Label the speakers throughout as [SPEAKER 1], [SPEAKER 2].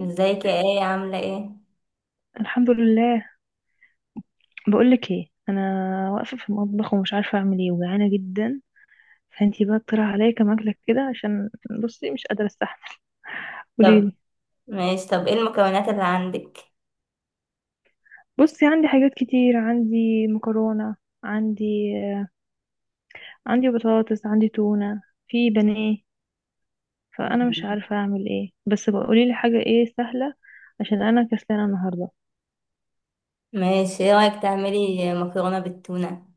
[SPEAKER 1] ازيك يا ايه؟ عاملة ايه؟
[SPEAKER 2] الحمد لله. بقولك ايه، انا واقفه في المطبخ ومش عارفه اعمل ايه وجعانه جدا. فانتي بقى اقترح عليا كام اكله كده عشان، بصي مش قادره استحمل.
[SPEAKER 1] طب
[SPEAKER 2] قوليلي.
[SPEAKER 1] ماشي. طب ايه المكونات اللي عندك؟
[SPEAKER 2] بصي عندي حاجات كتير، عندي مكرونه، عندي عندي بطاطس، عندي تونه، في بانيه. فانا مش
[SPEAKER 1] مم.
[SPEAKER 2] عارفه اعمل ايه بس بقى قوليلي حاجه ايه سهله عشان انا كسلانه النهارده.
[SPEAKER 1] ماشي، ايه رأيك تعملي مكرونة بالتونة؟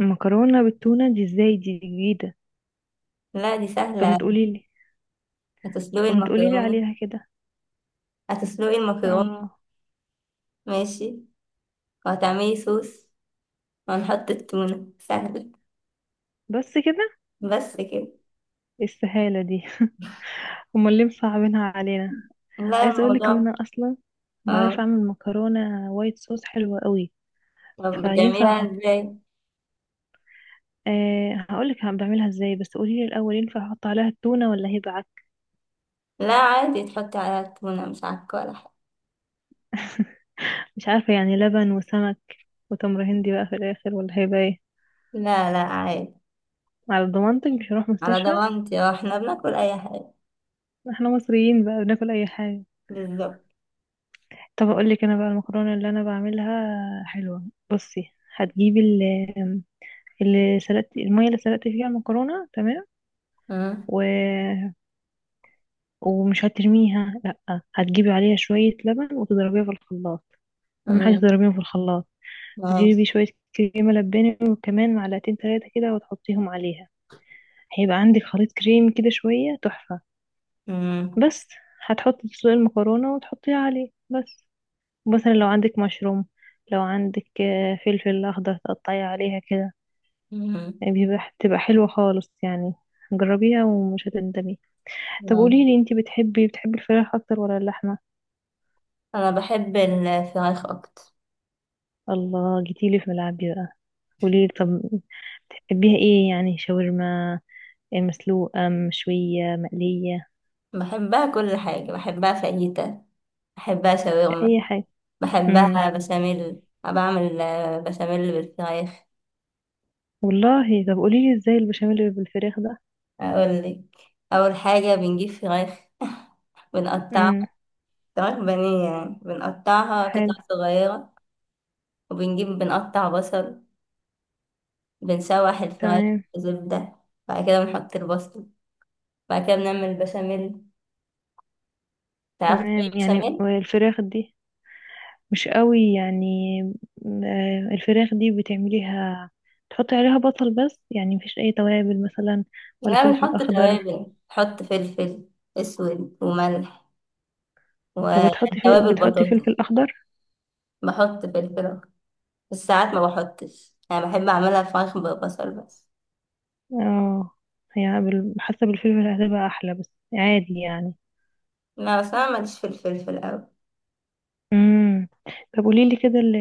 [SPEAKER 2] المكرونه بالتونه دي ازاي؟ دي جديده.
[SPEAKER 1] لا دي
[SPEAKER 2] طب ما
[SPEAKER 1] سهلة.
[SPEAKER 2] تقوليلي.
[SPEAKER 1] هتسلقي
[SPEAKER 2] طب ما تقوليلي
[SPEAKER 1] المكرونة.
[SPEAKER 2] عليها كده.
[SPEAKER 1] هتسلقي المكرونة.
[SPEAKER 2] اه.
[SPEAKER 1] ماشي. وهتعملي صوص وهنحط التونة. سهلة.
[SPEAKER 2] بس كده؟
[SPEAKER 1] بس كده.
[SPEAKER 2] إيه السهاله دي! امال ليه مصعبينها علينا.
[SPEAKER 1] لا
[SPEAKER 2] عايزه اقولك ان
[SPEAKER 1] الموضوع.
[SPEAKER 2] انا اصلا بعرف
[SPEAKER 1] اه.
[SPEAKER 2] اعمل مكرونه وايت صوص حلوه قوي.
[SPEAKER 1] طب
[SPEAKER 2] فينفع
[SPEAKER 1] بتعمليها
[SPEAKER 2] احط،
[SPEAKER 1] ازاي؟
[SPEAKER 2] هقولك بعملها ازاي، بس قوليلي الاول ينفع احط عليها التونه ولا هيبقى عك؟
[SPEAKER 1] لا عادي تحطي عليها التونة، مش عكة ولا حاجة.
[SPEAKER 2] مش عارفه، يعني لبن وسمك وتمر هندي بقى في الاخر، ولا هيبقى ايه؟
[SPEAKER 1] لا لا عادي.
[SPEAKER 2] على ضمانتك مش هروح
[SPEAKER 1] على
[SPEAKER 2] مستشفى.
[SPEAKER 1] ضمانتي اه، احنا بناكل اي حاجة.
[SPEAKER 2] احنا مصريين بقى بناكل اي حاجه.
[SPEAKER 1] بالظبط.
[SPEAKER 2] طب اقولك انا بقى المكرونه اللي انا بعملها حلوه. بصي هتجيبي ال، اللي سلقت المية اللي سلقت فيها المكرونة، تمام.
[SPEAKER 1] مم،
[SPEAKER 2] و... ومش هترميها، لأ، هتجيبي عليها شوية لبن وتضربيها في الخلاط. أهم حاجة
[SPEAKER 1] مم،
[SPEAKER 2] تضربيهم في الخلاط.
[SPEAKER 1] ماشي.
[SPEAKER 2] تجيبي شوية كريمة لباني، وكمان معلقتين تلاتة كده وتحطيهم عليها. هيبقى عندك خليط كريم كده شوية، تحفة.
[SPEAKER 1] مم.
[SPEAKER 2] بس هتحطي تسلقي المكرونة وتحطيها عليه بس. مثلا لو عندك مشروم، لو عندك فلفل أخضر تقطعي عليها كده.
[SPEAKER 1] مم.
[SPEAKER 2] يعني بيبقى بتبقى حلوة خالص يعني. جربيها ومش هتندمي. طب
[SPEAKER 1] مم.
[SPEAKER 2] قوليلي انتي بتحبي الفراخ أكتر ولا اللحمة؟
[SPEAKER 1] انا بحب الفراخ اكتر.
[SPEAKER 2] الله، جيتيلي في ملعبي بقى. قوليلي طب، بتحبيها ايه، يعني شاورما، مسلوقة، مشوية، مقلية،
[SPEAKER 1] بحبها كل حاجه، بحبها فاهيتا، بحبها شاورما،
[SPEAKER 2] أي حاجة. امم،
[SPEAKER 1] بحبها بشاميل. أنا بعمل بشاميل بالفراخ.
[SPEAKER 2] والله طب قوليلي ازاي البشاميل اللي بالفراخ ده.
[SPEAKER 1] اقول لك، اول حاجه بنجيب فراخ بنقطعها.
[SPEAKER 2] امم.
[SPEAKER 1] فراخ بانيه، يعني بنقطعها قطع
[SPEAKER 2] حلو.
[SPEAKER 1] صغيره. وبنجيب بنقطع بصل. بنشوح الفراخ
[SPEAKER 2] تمام.
[SPEAKER 1] في زبده. بعد كده بنحط البصل. بعد كده بنعمل بشاميل. تعرفي تعملي
[SPEAKER 2] تمام يعني
[SPEAKER 1] بشاميل؟
[SPEAKER 2] الفراخ دي مش قوي يعني. الفراخ دي بتعمليها تحطي عليها بصل بس، يعني مفيش أي توابل مثلا؟ ولا
[SPEAKER 1] لا
[SPEAKER 2] فلفل
[SPEAKER 1] بنحط
[SPEAKER 2] أخضر؟
[SPEAKER 1] توابل، بحط فلفل اسود وملح
[SPEAKER 2] طب بتحطي
[SPEAKER 1] وتوابل
[SPEAKER 2] بتحطي
[SPEAKER 1] بطاطس.
[SPEAKER 2] فلفل أخضر.
[SPEAKER 1] بحط فلفل أخضر. بس ساعات ما بحطش، انا بحب اعملها فراخ ببصل بس.
[SPEAKER 2] اه. هي حاسة بالفلفل هتبقى احلى، بس عادي يعني.
[SPEAKER 1] لا بس انا ماليش في الفلفل اوي.
[SPEAKER 2] امم. طب قولي لي كده ال-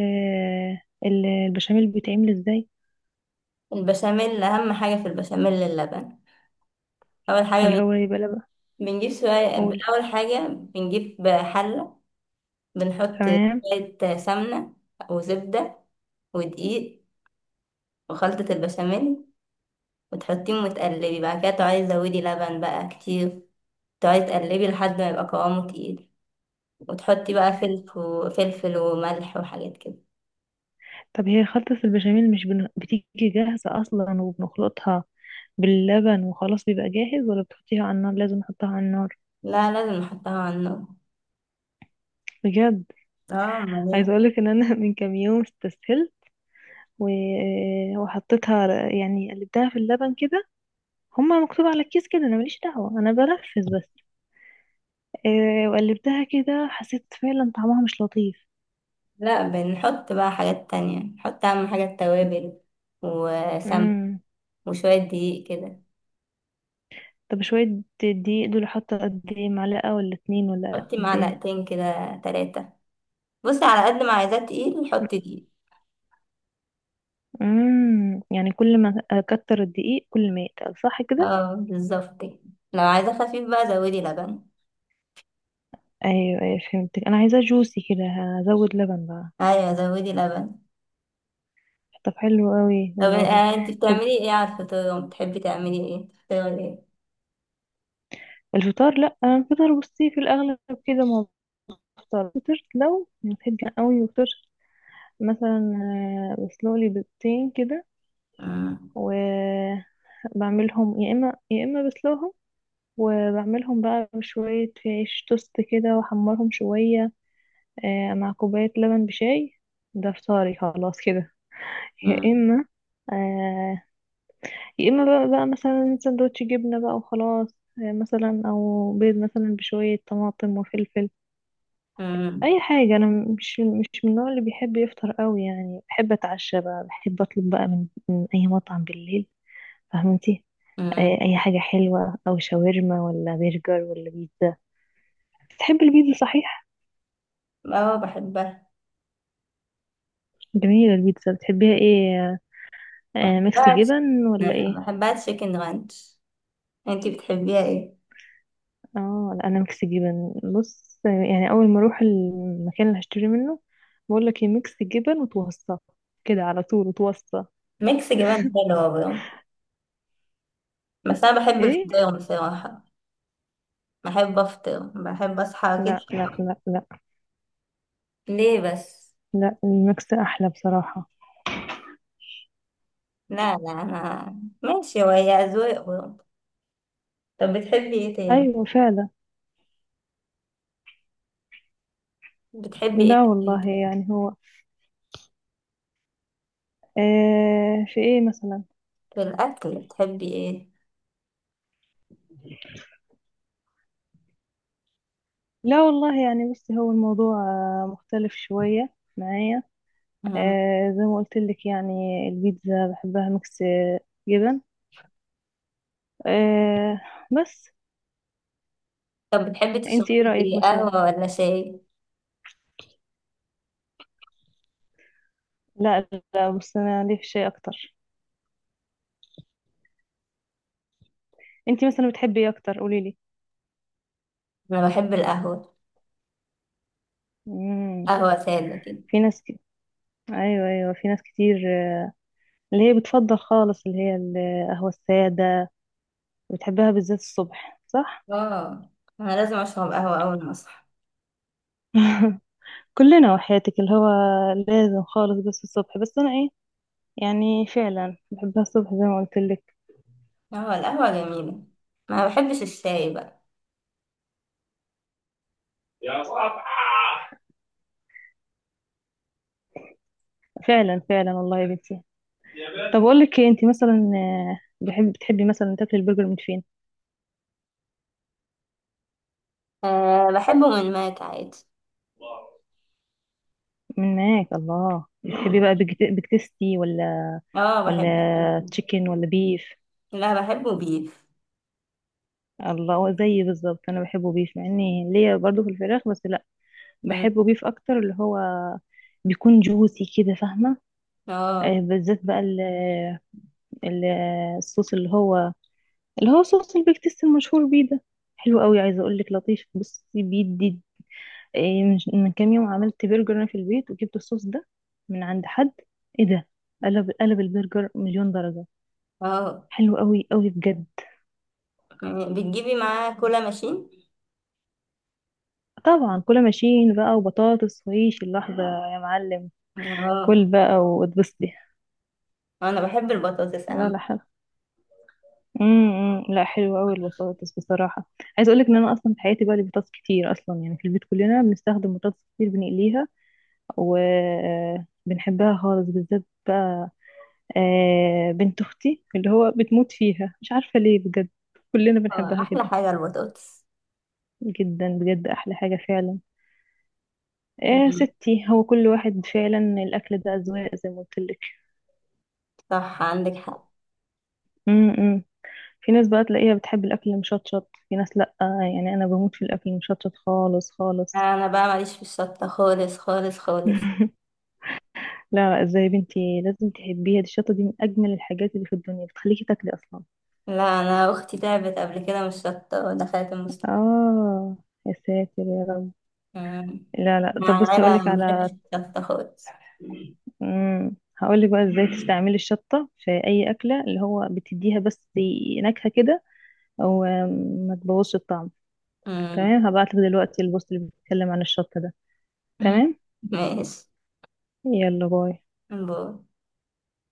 [SPEAKER 2] ال- البشاميل بيتعمل ازاي؟
[SPEAKER 1] البشاميل، اهم حاجه في البشاميل اللبن. اول حاجه
[SPEAKER 2] اللي هو يبقى لبن.
[SPEAKER 1] بنجيب شويه.
[SPEAKER 2] قولي.
[SPEAKER 1] اول حاجه بنجيب حله، بنحط
[SPEAKER 2] تمام.
[SPEAKER 1] شويه سمنه وزبده ودقيق وخلطه البشاميل، وتحطيهم وتقلبي. بعد كده تقعدي تزودي لبن بقى كتير. تقعدي تقلبي لحد ما يبقى قوامه تقيل. وتحطي بقى فلفل وفلفل وملح وحاجات كده.
[SPEAKER 2] طب هي خلطة البشاميل مش بتيجي جاهزة اصلا وبنخلطها باللبن وخلاص بيبقى جاهز، ولا بتحطيها على النار؟ لازم نحطها على النار؟
[SPEAKER 1] لا لازم نحطها على النار.
[SPEAKER 2] بجد؟
[SPEAKER 1] اه.
[SPEAKER 2] عايزة
[SPEAKER 1] ليه؟
[SPEAKER 2] اقولك ان انا من كام يوم استسهلت و... وحطيتها، يعني قلبتها في اللبن كده. هما مكتوب على الكيس كده، انا ماليش دعوة، انا بنفذ بس. وقلبتها كده حسيت فعلا طعمها مش لطيف.
[SPEAKER 1] لا بنحط بقى حاجات تانية. نحط أهم حاجة التوابل وسمن
[SPEAKER 2] امم.
[SPEAKER 1] وشوية دقيق كده.
[SPEAKER 2] طب شوية دقيق دول حاطة قد ايه، معلقة ولا اتنين ولا
[SPEAKER 1] حطي
[SPEAKER 2] قد ايه؟
[SPEAKER 1] معلقتين كده، تلاتة. بصي، على قد ما عايزاه تقيل حطي دقيق.
[SPEAKER 2] امم، يعني كل ما اكتر الدقيق كل ما يتقل، صح كده؟
[SPEAKER 1] اه بالظبط كده. لو عايزاه خفيف بقى زودي لبن.
[SPEAKER 2] ايوه ايوه فهمتك، انا عايزاه جوسي كده، هزود لبن بقى.
[SPEAKER 1] ايوه زودي لبن.
[SPEAKER 2] طب حلو قوي
[SPEAKER 1] طب
[SPEAKER 2] والله.
[SPEAKER 1] انتي
[SPEAKER 2] طب،
[SPEAKER 1] بتعملي ايه على الفطار؟ بتحبي تعملي ايه؟ فطار ايه؟
[SPEAKER 2] الفطار لا انا الفطار بصي في الاغلب كده ما بفطر. فطرت لو بحب قوي وفطرت مثلا بسلق لي بيضتين كده.
[SPEAKER 1] مم.
[SPEAKER 2] وبعملهم يا اما يا اما بسلقهم، وبعملهم بقى بشوية عيش توست كده واحمرهم شوية، مع كوباية لبن بشاي. ده فطاري خلاص كده. يا
[SPEAKER 1] مم.
[SPEAKER 2] اما آه، يا اما بقى مثلا سندوتش جبنة بقى وخلاص. مثلا او بيض مثلا بشوية طماطم وفلفل.
[SPEAKER 1] مم.
[SPEAKER 2] اي حاجة. انا مش من النوع اللي بيحب يفطر قوي يعني. بحب اتعشى بقى، بحب اطلب بقى من اي مطعم بالليل، فهمتي؟
[SPEAKER 1] مم.
[SPEAKER 2] اي حاجة حلوة، او شاورما ولا برجر ولا بيتزا. بتحبي البيتزا صحيح؟
[SPEAKER 1] اه بحبها.
[SPEAKER 2] جميلة البيتزا. بتحبيها ايه، ميكس
[SPEAKER 1] بحبها
[SPEAKER 2] جبن ولا ايه؟
[SPEAKER 1] بحبها تشيكن رانش. انتي بتحبيها ايه؟
[SPEAKER 2] اه لا، انا ميكس جبن. بص يعني اول ما اروح المكان اللي هشتري منه بقول لك ايه، ميكس جبن، وتوصى كده على طول وتوصى.
[SPEAKER 1] ميكس جبن حلوة برضه، بس انا بحب
[SPEAKER 2] ايه.
[SPEAKER 1] الفطير بصراحة. بحب افطر، بحب اصحى كده.
[SPEAKER 2] لا لا لا لا،
[SPEAKER 1] ليه بس؟
[SPEAKER 2] لا الميكس احلى بصراحة.
[SPEAKER 1] لا لا انا ماشي، وهي اذواق برضه. طب بتحبي ايه تاني؟
[SPEAKER 2] ايوه فعلا.
[SPEAKER 1] بتحبي ايه
[SPEAKER 2] لا والله،
[SPEAKER 1] تاني؟
[SPEAKER 2] يعني هو، آه في ايه مثلا.
[SPEAKER 1] في الاكل بتحبي ايه؟
[SPEAKER 2] لا والله يعني بصي هو الموضوع مختلف شوية معايا.
[SPEAKER 1] مم.
[SPEAKER 2] زي ما قلت لك يعني البيتزا بحبها ميكس جبن، آه، بس.
[SPEAKER 1] طب بتحبي
[SPEAKER 2] انت ايه
[SPEAKER 1] تشربي
[SPEAKER 2] رأيك
[SPEAKER 1] ايه،
[SPEAKER 2] مثلا؟
[SPEAKER 1] قهوة ولا شاي؟
[SPEAKER 2] لا. لا بص انا ليه في شيء اكتر. انت مثلا بتحبي ايه اكتر قولي لي.
[SPEAKER 1] انا بحب القهوة.
[SPEAKER 2] امم.
[SPEAKER 1] قهوة سادة كده.
[SPEAKER 2] في ناس ايوه ايوه في ناس كتير اللي هي بتفضل خالص، اللي هي القهوة السادة. بتحبها بالذات الصبح صح؟
[SPEAKER 1] اه، انا لازم اشرب قهوة اول ما.
[SPEAKER 2] كلنا وحياتك، اللي هو لازم خالص بس الصبح، بس انا ايه، يعني فعلا بحبها الصبح زي ما قلت لك.
[SPEAKER 1] اه، القهوة جميلة. ما بحبش الشاي بقى.
[SPEAKER 2] يا صاحبي، فعلا فعلا والله يا بنتي يا. طب بنت اقول لك انت مثلا بحب بتحبي مثلا تاكلي البرجر من فين؟
[SPEAKER 1] أه بحبه من ماك عادي.
[SPEAKER 2] الله، من ماك، الله. بتحبي بقى بيك بيك تيستي ولا،
[SPEAKER 1] اه
[SPEAKER 2] ولا
[SPEAKER 1] بحبه.
[SPEAKER 2] تشيكن ولا بيف؟
[SPEAKER 1] لا بحبه بيف.
[SPEAKER 2] الله هو زيي بالظبط، انا بحبه بيف مع اني ليا برضه في الفراخ، بس لا،
[SPEAKER 1] مم.
[SPEAKER 2] بحبه بيف اكتر اللي هو بيكون جوسي كده، فاهمه؟
[SPEAKER 1] اه.
[SPEAKER 2] بالذات بقى ال- الصوص اللي هو، اللي هو صوص البيك تيست المشهور بيه ده، حلو قوي. عايزه اقول لك لطيف، بصي بيدي من كام يوم عملت برجر انا في البيت وجبت الصوص ده من عند حد. ايه ده، قلب البرجر مليون درجه.
[SPEAKER 1] اه،
[SPEAKER 2] حلو قوي قوي بجد.
[SPEAKER 1] يعني بتجيبي معاه كولا ماشين؟
[SPEAKER 2] طبعا كل ماشيين بقى وبطاطس وعيش اللحظه، يا معلم.
[SPEAKER 1] اه.
[SPEAKER 2] كل بقى واتبسطي.
[SPEAKER 1] انا بحب البطاطس
[SPEAKER 2] لا لا
[SPEAKER 1] اهم.
[SPEAKER 2] حلو. امم. لا حلو قوي البطاطس بصراحه. عايزه اقول لك ان انا اصلا في حياتي بقى لي بطاطس كتير اصلا. يعني في البيت كلنا بنستخدم بطاطس كتير، بنقليها وبنحبها خالص. بالذات بقى بنت اختي اللي هو بتموت فيها مش عارفة ليه بجد. كلنا
[SPEAKER 1] اه
[SPEAKER 2] بنحبها
[SPEAKER 1] احلى
[SPEAKER 2] كده
[SPEAKER 1] حاجة البطاطس.
[SPEAKER 2] جدا بجد، احلى حاجة فعلا. يا
[SPEAKER 1] مم.
[SPEAKER 2] ستي هو كل واحد فعلا الاكل ده اذواق، زي ما قلت لك.
[SPEAKER 1] صح عندك حق.
[SPEAKER 2] امم. في ناس بقى تلاقيها بتحب الاكل المشطشط، في ناس لا. يعني انا بموت في الاكل المشطشط خالص خالص.
[SPEAKER 1] انا بقى ماليش في الشطة خالص خالص خالص.
[SPEAKER 2] لا لا، ازاي يا بنتي، لازم تحبيها دي، الشطة دي من اجمل الحاجات اللي في الدنيا، بتخليكي تاكلي اصلا.
[SPEAKER 1] لا انا اختي تعبت قبل كده من الشطة ودخلت المستشفى.
[SPEAKER 2] اه، يا ساتر يا رب.
[SPEAKER 1] مم.
[SPEAKER 2] لا لا،
[SPEAKER 1] مع
[SPEAKER 2] طب بصي
[SPEAKER 1] العيلة
[SPEAKER 2] هقولك
[SPEAKER 1] ما بنحبش
[SPEAKER 2] على،
[SPEAKER 1] الشطة خالص.
[SPEAKER 2] امم، هقولك بقى ازاي تستعملي الشطة في اي اكلة، اللي هو بتديها بس نكهة كده، او ما تبوظش الطعم.
[SPEAKER 1] مم.
[SPEAKER 2] تمام، هبعتلك دلوقتي البوست اللي بيتكلم عن الشطة ده. تمام.
[SPEAKER 1] ماشي.
[SPEAKER 2] يلا باي.
[SPEAKER 1] باي.